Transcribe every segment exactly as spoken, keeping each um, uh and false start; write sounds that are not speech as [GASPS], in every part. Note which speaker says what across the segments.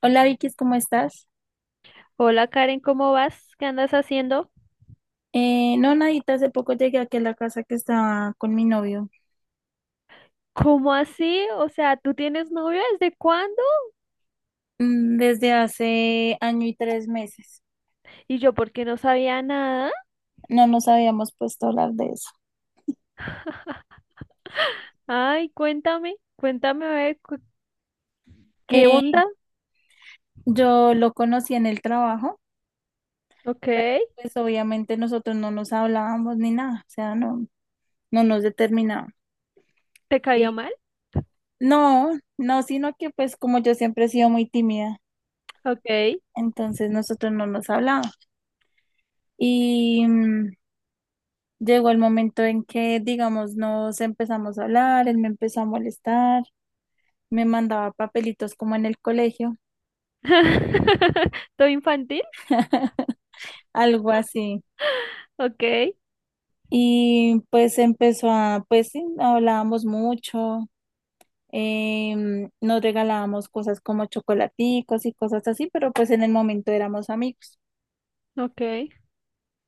Speaker 1: Hola Vicky, ¿cómo estás?
Speaker 2: Hola Karen, ¿cómo vas? ¿Qué andas haciendo?
Speaker 1: Eh, no, nadita, hace poco llegué aquí a la casa que estaba con mi novio,
Speaker 2: ¿Cómo así? O sea, ¿tú tienes novio desde cuándo?
Speaker 1: mm, desde hace año y tres meses.
Speaker 2: Y yo, ¿por qué no sabía nada?
Speaker 1: No nos habíamos puesto a hablar de eso.
Speaker 2: Ay, cuéntame, cuéntame a ver cu- qué
Speaker 1: Eh,
Speaker 2: onda.
Speaker 1: yo lo conocí en el trabajo,
Speaker 2: Ok,
Speaker 1: pero pues obviamente nosotros no nos hablábamos ni nada, o sea, no, no nos determinábamos.
Speaker 2: ¿te caía
Speaker 1: Y
Speaker 2: mal?
Speaker 1: no, no, sino que pues como yo siempre he sido muy tímida,
Speaker 2: Ok.
Speaker 1: entonces nosotros no nos hablábamos. Y mm, llegó el momento en que, digamos, nos empezamos a hablar, él me empezó a molestar, me mandaba papelitos como en el colegio,
Speaker 2: [LAUGHS] ¿Todo infantil?
Speaker 1: algo así.
Speaker 2: Ok,
Speaker 1: Y pues empezó a, pues sí, hablábamos mucho, em, nos regalábamos cosas como chocolaticos y cosas así, pero pues en el momento éramos amigos.
Speaker 2: ok.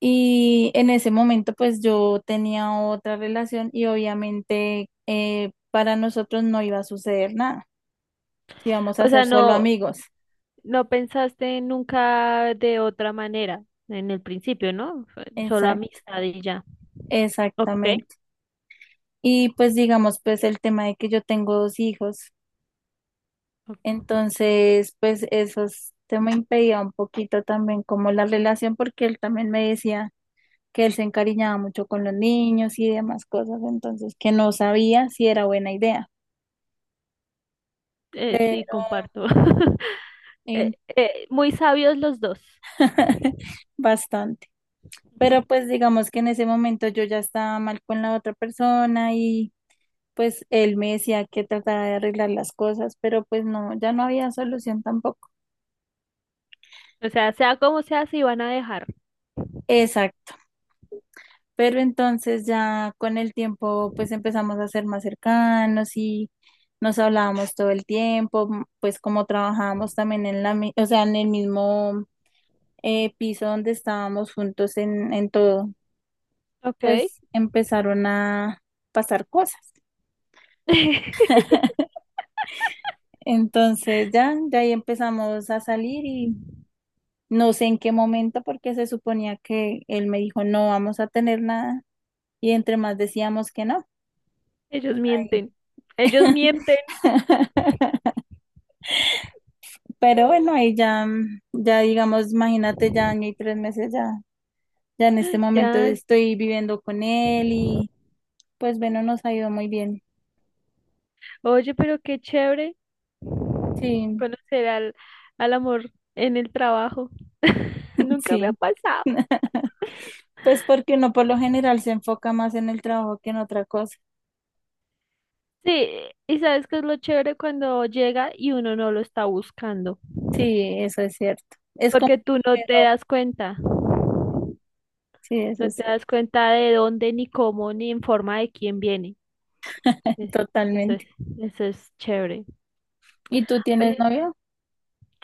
Speaker 1: Y en ese momento pues yo tenía otra relación y obviamente eh, para nosotros no iba a suceder nada, íbamos a
Speaker 2: O sea,
Speaker 1: ser solo
Speaker 2: no,
Speaker 1: amigos.
Speaker 2: no pensaste nunca de otra manera en el principio, ¿no? Fue solo amistad y ya. Ok,
Speaker 1: Exactamente. Y pues digamos, pues el tema de que yo tengo dos hijos,
Speaker 2: ok,
Speaker 1: entonces pues eso es- se me impedía un poquito también como la relación porque él también me decía que él se encariñaba mucho con los niños y demás cosas, entonces que no sabía si era buena idea.
Speaker 2: eh, sí,
Speaker 1: Pero,
Speaker 2: comparto. [LAUGHS] Eh,
Speaker 1: en-
Speaker 2: eh, Muy sabios los dos.
Speaker 1: [LAUGHS] bastante. Pero pues
Speaker 2: [LAUGHS]
Speaker 1: digamos que en ese momento yo ya estaba mal con la otra persona y pues él me decía que trataba de arreglar las cosas, pero pues no, ya no había solución tampoco.
Speaker 2: O sea, sea como sea, si van a dejar.
Speaker 1: Exacto, pero entonces ya con el tiempo pues empezamos a ser más cercanos y nos hablábamos todo el tiempo, m- pues como trabajábamos también en la, mi- o sea, en el mismo eh, piso donde estábamos juntos en, en todo,
Speaker 2: Ok.
Speaker 1: pues empezaron a pasar cosas.
Speaker 2: [LAUGHS]
Speaker 1: Entonces ya, ya ahí empezamos a salir y no sé en qué momento porque se suponía que él me dijo no vamos a tener nada y entre más decíamos que no.
Speaker 2: Ellos
Speaker 1: Ay.
Speaker 2: mienten. Ellos mienten.
Speaker 1: Pero bueno, ahí ya, mm, ya digamos, imagínate, ya año y tres meses, ya, ya en este
Speaker 2: [GASPS]
Speaker 1: momento
Speaker 2: Ya.
Speaker 1: estoy viviendo con él y pues bueno, nos ha ido muy bien.
Speaker 2: Oye, pero qué chévere
Speaker 1: Sí,
Speaker 2: conocer al, al amor en el trabajo. [LAUGHS]
Speaker 1: [LAUGHS]
Speaker 2: Nunca me ha
Speaker 1: sí.
Speaker 2: pasado.
Speaker 1: Pues porque uno por lo general se enfoca más en el trabajo que en otra cosa.
Speaker 2: Sí, y sabes que es lo chévere cuando llega y uno no lo está buscando,
Speaker 1: Sí, eso es cierto. Es como
Speaker 2: porque tú no
Speaker 1: lo
Speaker 2: te
Speaker 1: mejor.
Speaker 2: das cuenta,
Speaker 1: Sí, eso
Speaker 2: no
Speaker 1: es
Speaker 2: te
Speaker 1: cierto,
Speaker 2: das cuenta de dónde, ni cómo, ni en forma de quién viene. Es- Eso es,
Speaker 1: totalmente.
Speaker 2: eso es chévere.
Speaker 1: ¿Y tú tienes
Speaker 2: Oye,
Speaker 1: novio?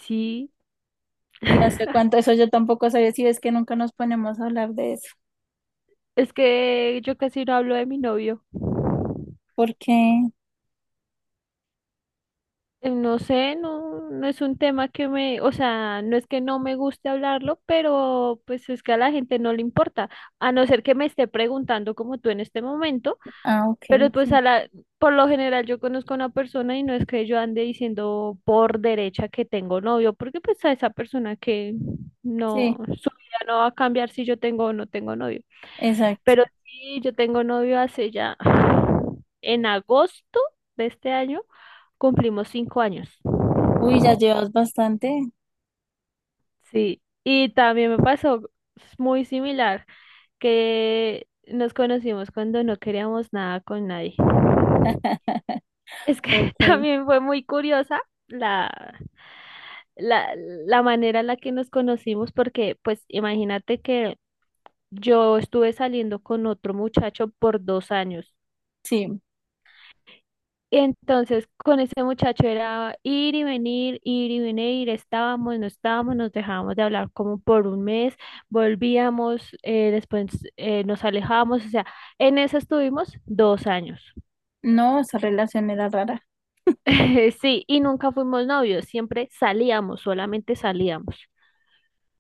Speaker 2: sí,
Speaker 1: ¿Y
Speaker 2: [LAUGHS]
Speaker 1: hace cuánto? Eso yo tampoco sabía, si ves que nunca nos ponemos a hablar de eso.
Speaker 2: es que yo casi no hablo de mi novio.
Speaker 1: ¿Por qué?
Speaker 2: Eh, No sé, no, no es un tema que me, o sea, no es que no me guste hablarlo, pero pues es que a la gente no le importa, a no ser que me esté preguntando como tú en este momento.
Speaker 1: Ah, ok,
Speaker 2: Pero pues
Speaker 1: sí.
Speaker 2: a la, por lo general yo conozco a una persona y no es que yo ande diciendo por derecha que tengo novio, porque pues a esa persona que no,
Speaker 1: Sí,
Speaker 2: su vida no va a cambiar si yo tengo o no tengo novio.
Speaker 1: exacto.
Speaker 2: Pero sí, yo tengo novio hace ya, en agosto de este año, cumplimos cinco años.
Speaker 1: Uy, ya llevas bastante.
Speaker 2: Sí, y también me pasó muy similar, que nos conocimos cuando no queríamos nada con nadie.
Speaker 1: [LAUGHS]
Speaker 2: Es que [LAUGHS]
Speaker 1: Ok,
Speaker 2: también fue muy curiosa la, la, la manera en la que nos conocimos, porque pues imagínate que yo estuve saliendo con otro muchacho por dos años.
Speaker 1: sí.
Speaker 2: Y entonces con ese muchacho era ir y venir, ir y venir, estábamos, no estábamos, nos dejábamos de hablar como por un mes, volvíamos, eh, después eh, nos alejábamos, o sea, en eso estuvimos dos años.
Speaker 1: No, esa relación era rara.
Speaker 2: [LAUGHS] Sí, y nunca fuimos novios, siempre salíamos, solamente salíamos.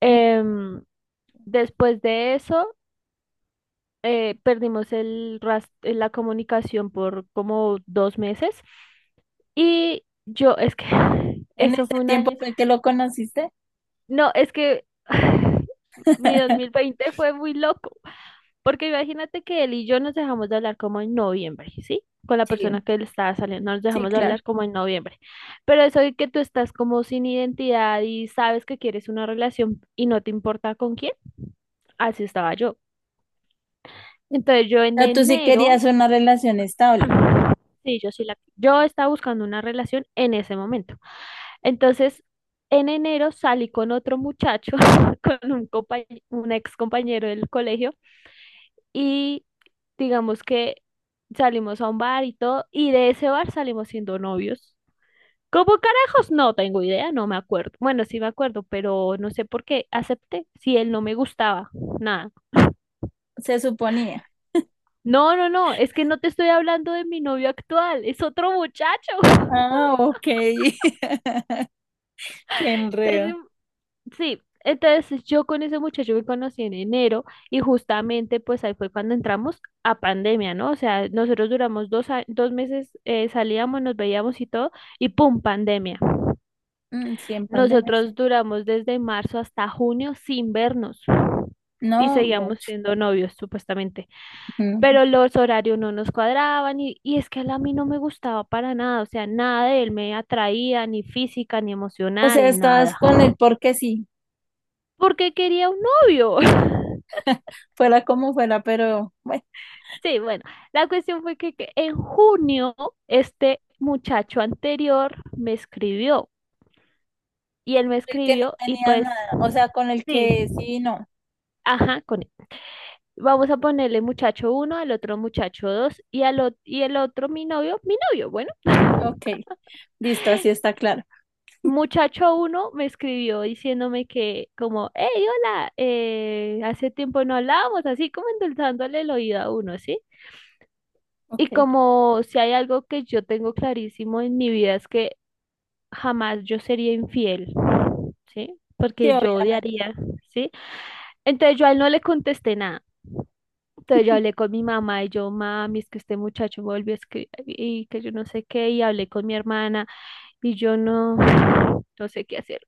Speaker 2: Em, Después de eso, eh, perdimos el ras- eh, la comunicación por como dos meses y yo, es que [LAUGHS] [SIGHS]
Speaker 1: En
Speaker 2: eso
Speaker 1: ese
Speaker 2: fue un
Speaker 1: tiempo
Speaker 2: año,
Speaker 1: fue que lo conociste.
Speaker 2: no, es que [LAUGHS] [SIGHS] mi
Speaker 1: [LAUGHS]
Speaker 2: dos mil veinte fue muy loco, porque imagínate que él y yo nos dejamos de hablar como en noviembre, ¿sí? Con la
Speaker 1: Sí,
Speaker 2: persona que él estaba saliendo, nos
Speaker 1: sí,
Speaker 2: dejamos de
Speaker 1: claro.
Speaker 2: hablar como en noviembre, pero eso de que tú estás como sin identidad y sabes que quieres una relación y no te importa con quién, así estaba yo. Entonces yo
Speaker 1: O
Speaker 2: en
Speaker 1: sea, tú sí
Speaker 2: enero
Speaker 1: querías una relación estable,
Speaker 2: sí, yo sí la... Yo estaba buscando una relación en ese momento. Entonces, en enero salí con otro muchacho, [LAUGHS] con un compañ- un ex compañero del colegio, y digamos que salimos a un bar y todo, y de ese bar salimos siendo novios. ¿Cómo carajos? No tengo idea, no me acuerdo. Bueno, sí me acuerdo, pero no sé por qué acepté, si él no me gustaba, nada.
Speaker 1: se suponía.
Speaker 2: No, no, no, es que no te estoy hablando de mi novio actual, es otro muchacho. [LAUGHS]
Speaker 1: Ah, ok. [LAUGHS] Qué
Speaker 2: Entonces
Speaker 1: enredo.
Speaker 2: sí, entonces yo con ese muchacho me conocí en enero y justamente pues ahí fue cuando entramos a pandemia, ¿no? O sea, nosotros duramos dos, a- dos meses, eh, salíamos, nos veíamos y todo, y ¡pum! Pandemia.
Speaker 1: Mm, sí, en pandemia, sí.
Speaker 2: Nosotros duramos desde marzo hasta junio sin vernos y
Speaker 1: No,
Speaker 2: seguíamos
Speaker 1: mucho.
Speaker 2: siendo novios supuestamente,
Speaker 1: Mm.
Speaker 2: pero los horarios no nos cuadraban y, y es que él a mí no me gustaba para nada, o sea, nada de él me atraía, ni física, ni
Speaker 1: O sea,
Speaker 2: emocional,
Speaker 1: estabas
Speaker 2: nada.
Speaker 1: con él porque sí,
Speaker 2: Porque quería un novio. [LAUGHS]
Speaker 1: fuera como fuera, pero bueno,
Speaker 2: Sí, bueno, la cuestión fue que, que en junio este muchacho anterior me escribió y él me
Speaker 1: el que no
Speaker 2: escribió y
Speaker 1: tenía
Speaker 2: pues
Speaker 1: nada, o sea, con el
Speaker 2: sí,
Speaker 1: que sí, no.
Speaker 2: ajá, con él. Vamos a ponerle muchacho uno, al otro muchacho dos y al ot- y el otro mi novio, mi novio, bueno,
Speaker 1: Ok, listo, así está claro.
Speaker 2: muchacho uno me escribió diciéndome que como, hey, hola, eh, hace tiempo no hablábamos, así como endulzándole el oído a uno, ¿sí? Y
Speaker 1: Ok.
Speaker 2: como si hay algo que yo tengo clarísimo en mi vida es que jamás yo sería infiel, ¿sí?
Speaker 1: Sí,
Speaker 2: Porque yo
Speaker 1: obviamente.
Speaker 2: odiaría, ¿sí? Entonces yo a él no le contesté nada. Entonces yo hablé con mi mamá y yo, mami, es que este muchacho me volvió a escribir y que yo no sé qué, y hablé con mi hermana y yo no, no sé qué hacer.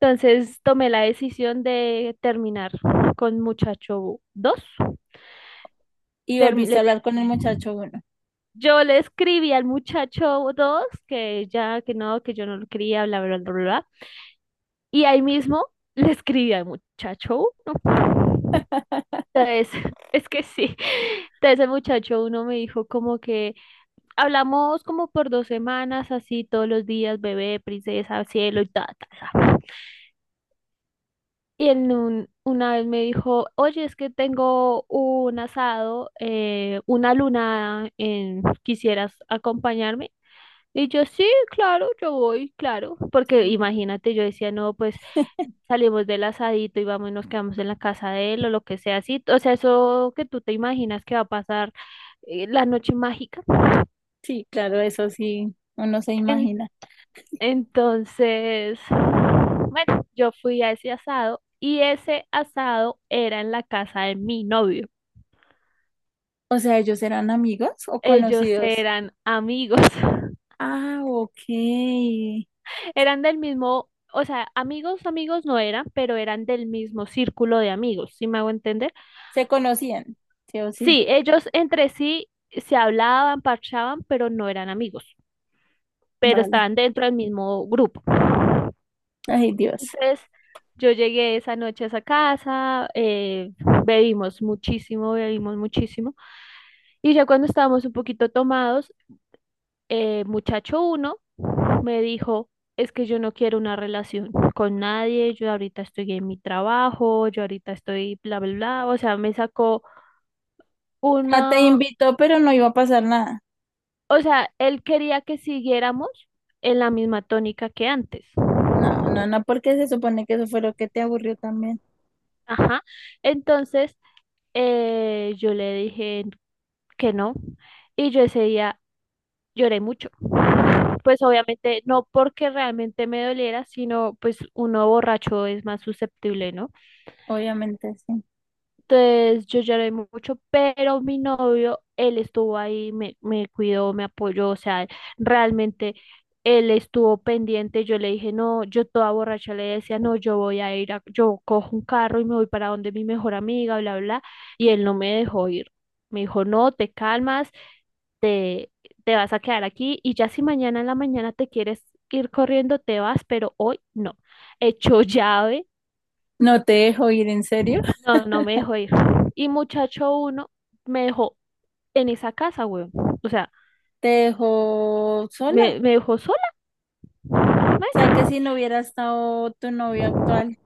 Speaker 2: Entonces tomé la decisión de terminar con muchacho dos.
Speaker 1: Y
Speaker 2: Termi-
Speaker 1: volviste
Speaker 2: le
Speaker 1: a hablar con el
Speaker 2: terminé.
Speaker 1: muchacho, bueno.
Speaker 2: Yo le escribí al muchacho dos que ya, que no, que yo no lo quería, bla, bla, bla, bla. Y ahí mismo le escribí al muchacho. "Uh, Entonces, [LAUGHS] es que sí. Entonces el muchacho uno me dijo como que hablamos como por dos semanas, así todos los días, bebé, princesa, cielo y ta, ta, ta. Y en un- una vez me dijo, oye, es que tengo un asado, eh, una luna, en, ¿quisieras acompañarme? Y yo, sí, claro, yo voy, claro, porque
Speaker 1: Sí,
Speaker 2: imagínate, yo decía, no, pues salimos del asadito y vamos y nos quedamos en la casa de él o lo que sea así. O sea, eso que tú te imaginas que va a pasar eh, la noche mágica.
Speaker 1: sí, claro, eso sí, uno se
Speaker 2: En-
Speaker 1: imagina.
Speaker 2: entonces, bueno, yo fui a ese asado y ese asado era en la casa de mi novio.
Speaker 1: O sea, ¿ellos eran amigos o
Speaker 2: Ellos
Speaker 1: conocidos?
Speaker 2: eran amigos, [LAUGHS]
Speaker 1: Ah, ok.
Speaker 2: eran del mismo, o sea, amigos, amigos no eran, pero eran del mismo círculo de amigos, ¿sí me hago entender?
Speaker 1: Se conocían, sí o sí.
Speaker 2: Sí, ellos entre sí se hablaban, parchaban, pero no eran amigos. Pero
Speaker 1: Vale.
Speaker 2: estaban dentro del mismo grupo.
Speaker 1: Ay, Dios.
Speaker 2: Entonces, yo llegué esa noche a esa casa, eh, bebimos muchísimo, bebimos muchísimo. Y ya cuando estábamos un poquito tomados, eh, muchacho uno me dijo, es que yo no quiero una relación con nadie, yo ahorita estoy en mi trabajo, yo ahorita estoy bla, bla, bla. O sea, me sacó
Speaker 1: Ah, te
Speaker 2: una,
Speaker 1: invitó, pero no iba a pasar nada.
Speaker 2: o sea, él quería que siguiéramos en la misma tónica que antes.
Speaker 1: No, no, no, porque se supone que eso fue lo que te aburrió también.
Speaker 2: Ajá. Entonces, Eh, yo le dije que no y yo ese día lloré mucho. Pues obviamente no porque realmente me doliera, sino pues uno borracho es más susceptible, ¿no?
Speaker 1: Obviamente, sí.
Speaker 2: Entonces yo lloré mucho, pero mi novio, él estuvo ahí, me, me cuidó, me apoyó, o sea, realmente él estuvo pendiente. Yo le dije, no, yo toda borracha le decía, no, yo voy a ir, a- yo cojo un carro y me voy para donde mi mejor amiga, bla, bla, y él no me dejó ir. Me dijo, no, te calmas, te, te vas a quedar aquí y ya si mañana en la mañana te quieres ir corriendo, te vas, pero hoy no. Echó [LAUGHS] llave
Speaker 1: No te dejó ir, ¿en serio?
Speaker 2: no, no me dejó ir. Y muchacho uno me dejó en esa casa, weón. O sea,
Speaker 1: Te dejó sola. O
Speaker 2: me, me dejó sola.
Speaker 1: sea, que
Speaker 2: Marica.
Speaker 1: si no hubiera estado tu novio actual,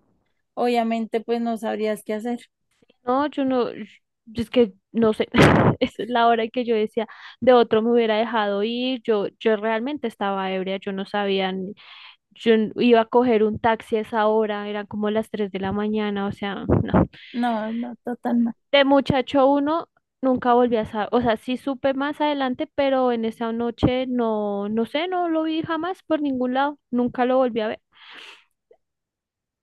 Speaker 1: obviamente, pues no sabrías qué hacer.
Speaker 2: No, yo no, yo- es que no sé. [LAUGHS] Esa es la hora en que yo decía, de otro me hubiera dejado ir. Yo, yo realmente estaba ebria, yo no sabía, ni- yo n- iba a coger un taxi a esa hora, eran como las tres de la mañana, o sea, no.
Speaker 1: No, no, totalmente.
Speaker 2: De muchacho uno nunca volví a saber, o sea, sí supe más adelante, pero en esa noche no, no sé, no lo vi jamás por ningún lado, nunca lo volví a ver.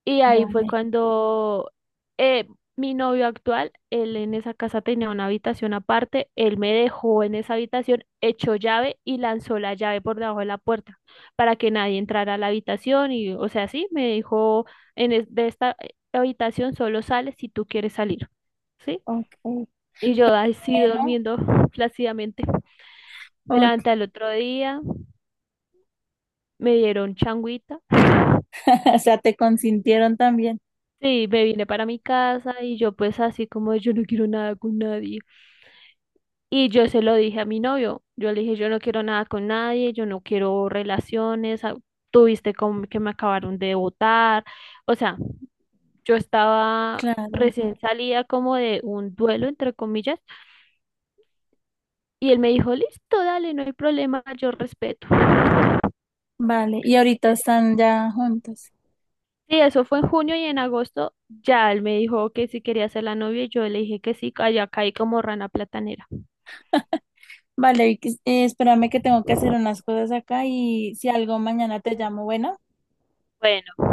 Speaker 2: Y ahí fue
Speaker 1: Vale,
Speaker 2: cuando eh, mi novio actual, él en esa casa tenía una habitación aparte, él me dejó en esa habitación, echó llave y lanzó la llave por debajo de la puerta para que nadie entrara a la habitación y, o sea, sí, me dijo, en es- de esta eh, habitación solo sales si tú quieres salir. ¿Sí?
Speaker 1: ok.
Speaker 2: Y yo así
Speaker 1: Bueno,
Speaker 2: durmiendo [LAUGHS] plácidamente. Me
Speaker 1: ok.
Speaker 2: levanté al otro día, me dieron changuita.
Speaker 1: [LAUGHS] O sea, te consintieron también.
Speaker 2: Sí, me vine para mi casa y yo pues así como yo no quiero nada con nadie. Y yo se lo dije a mi novio. Yo le dije, yo no quiero nada con nadie, yo no quiero relaciones. Ah, tuviste como que me acabaron de botar. O sea, yo estaba
Speaker 1: Claro.
Speaker 2: recién salida como de un duelo, entre comillas. Y él me dijo, listo, dale, no hay problema, yo respeto.
Speaker 1: Vale, y ahorita están ya juntos.
Speaker 2: Sí, eso fue en junio y en agosto ya él me dijo que si quería ser la novia y yo le dije que sí, allá caí como rana platanera.
Speaker 1: Vale, Vicky, eh, espérame que tengo que hacer unas cosas acá y si algo mañana te llamo, bueno.
Speaker 2: Bueno,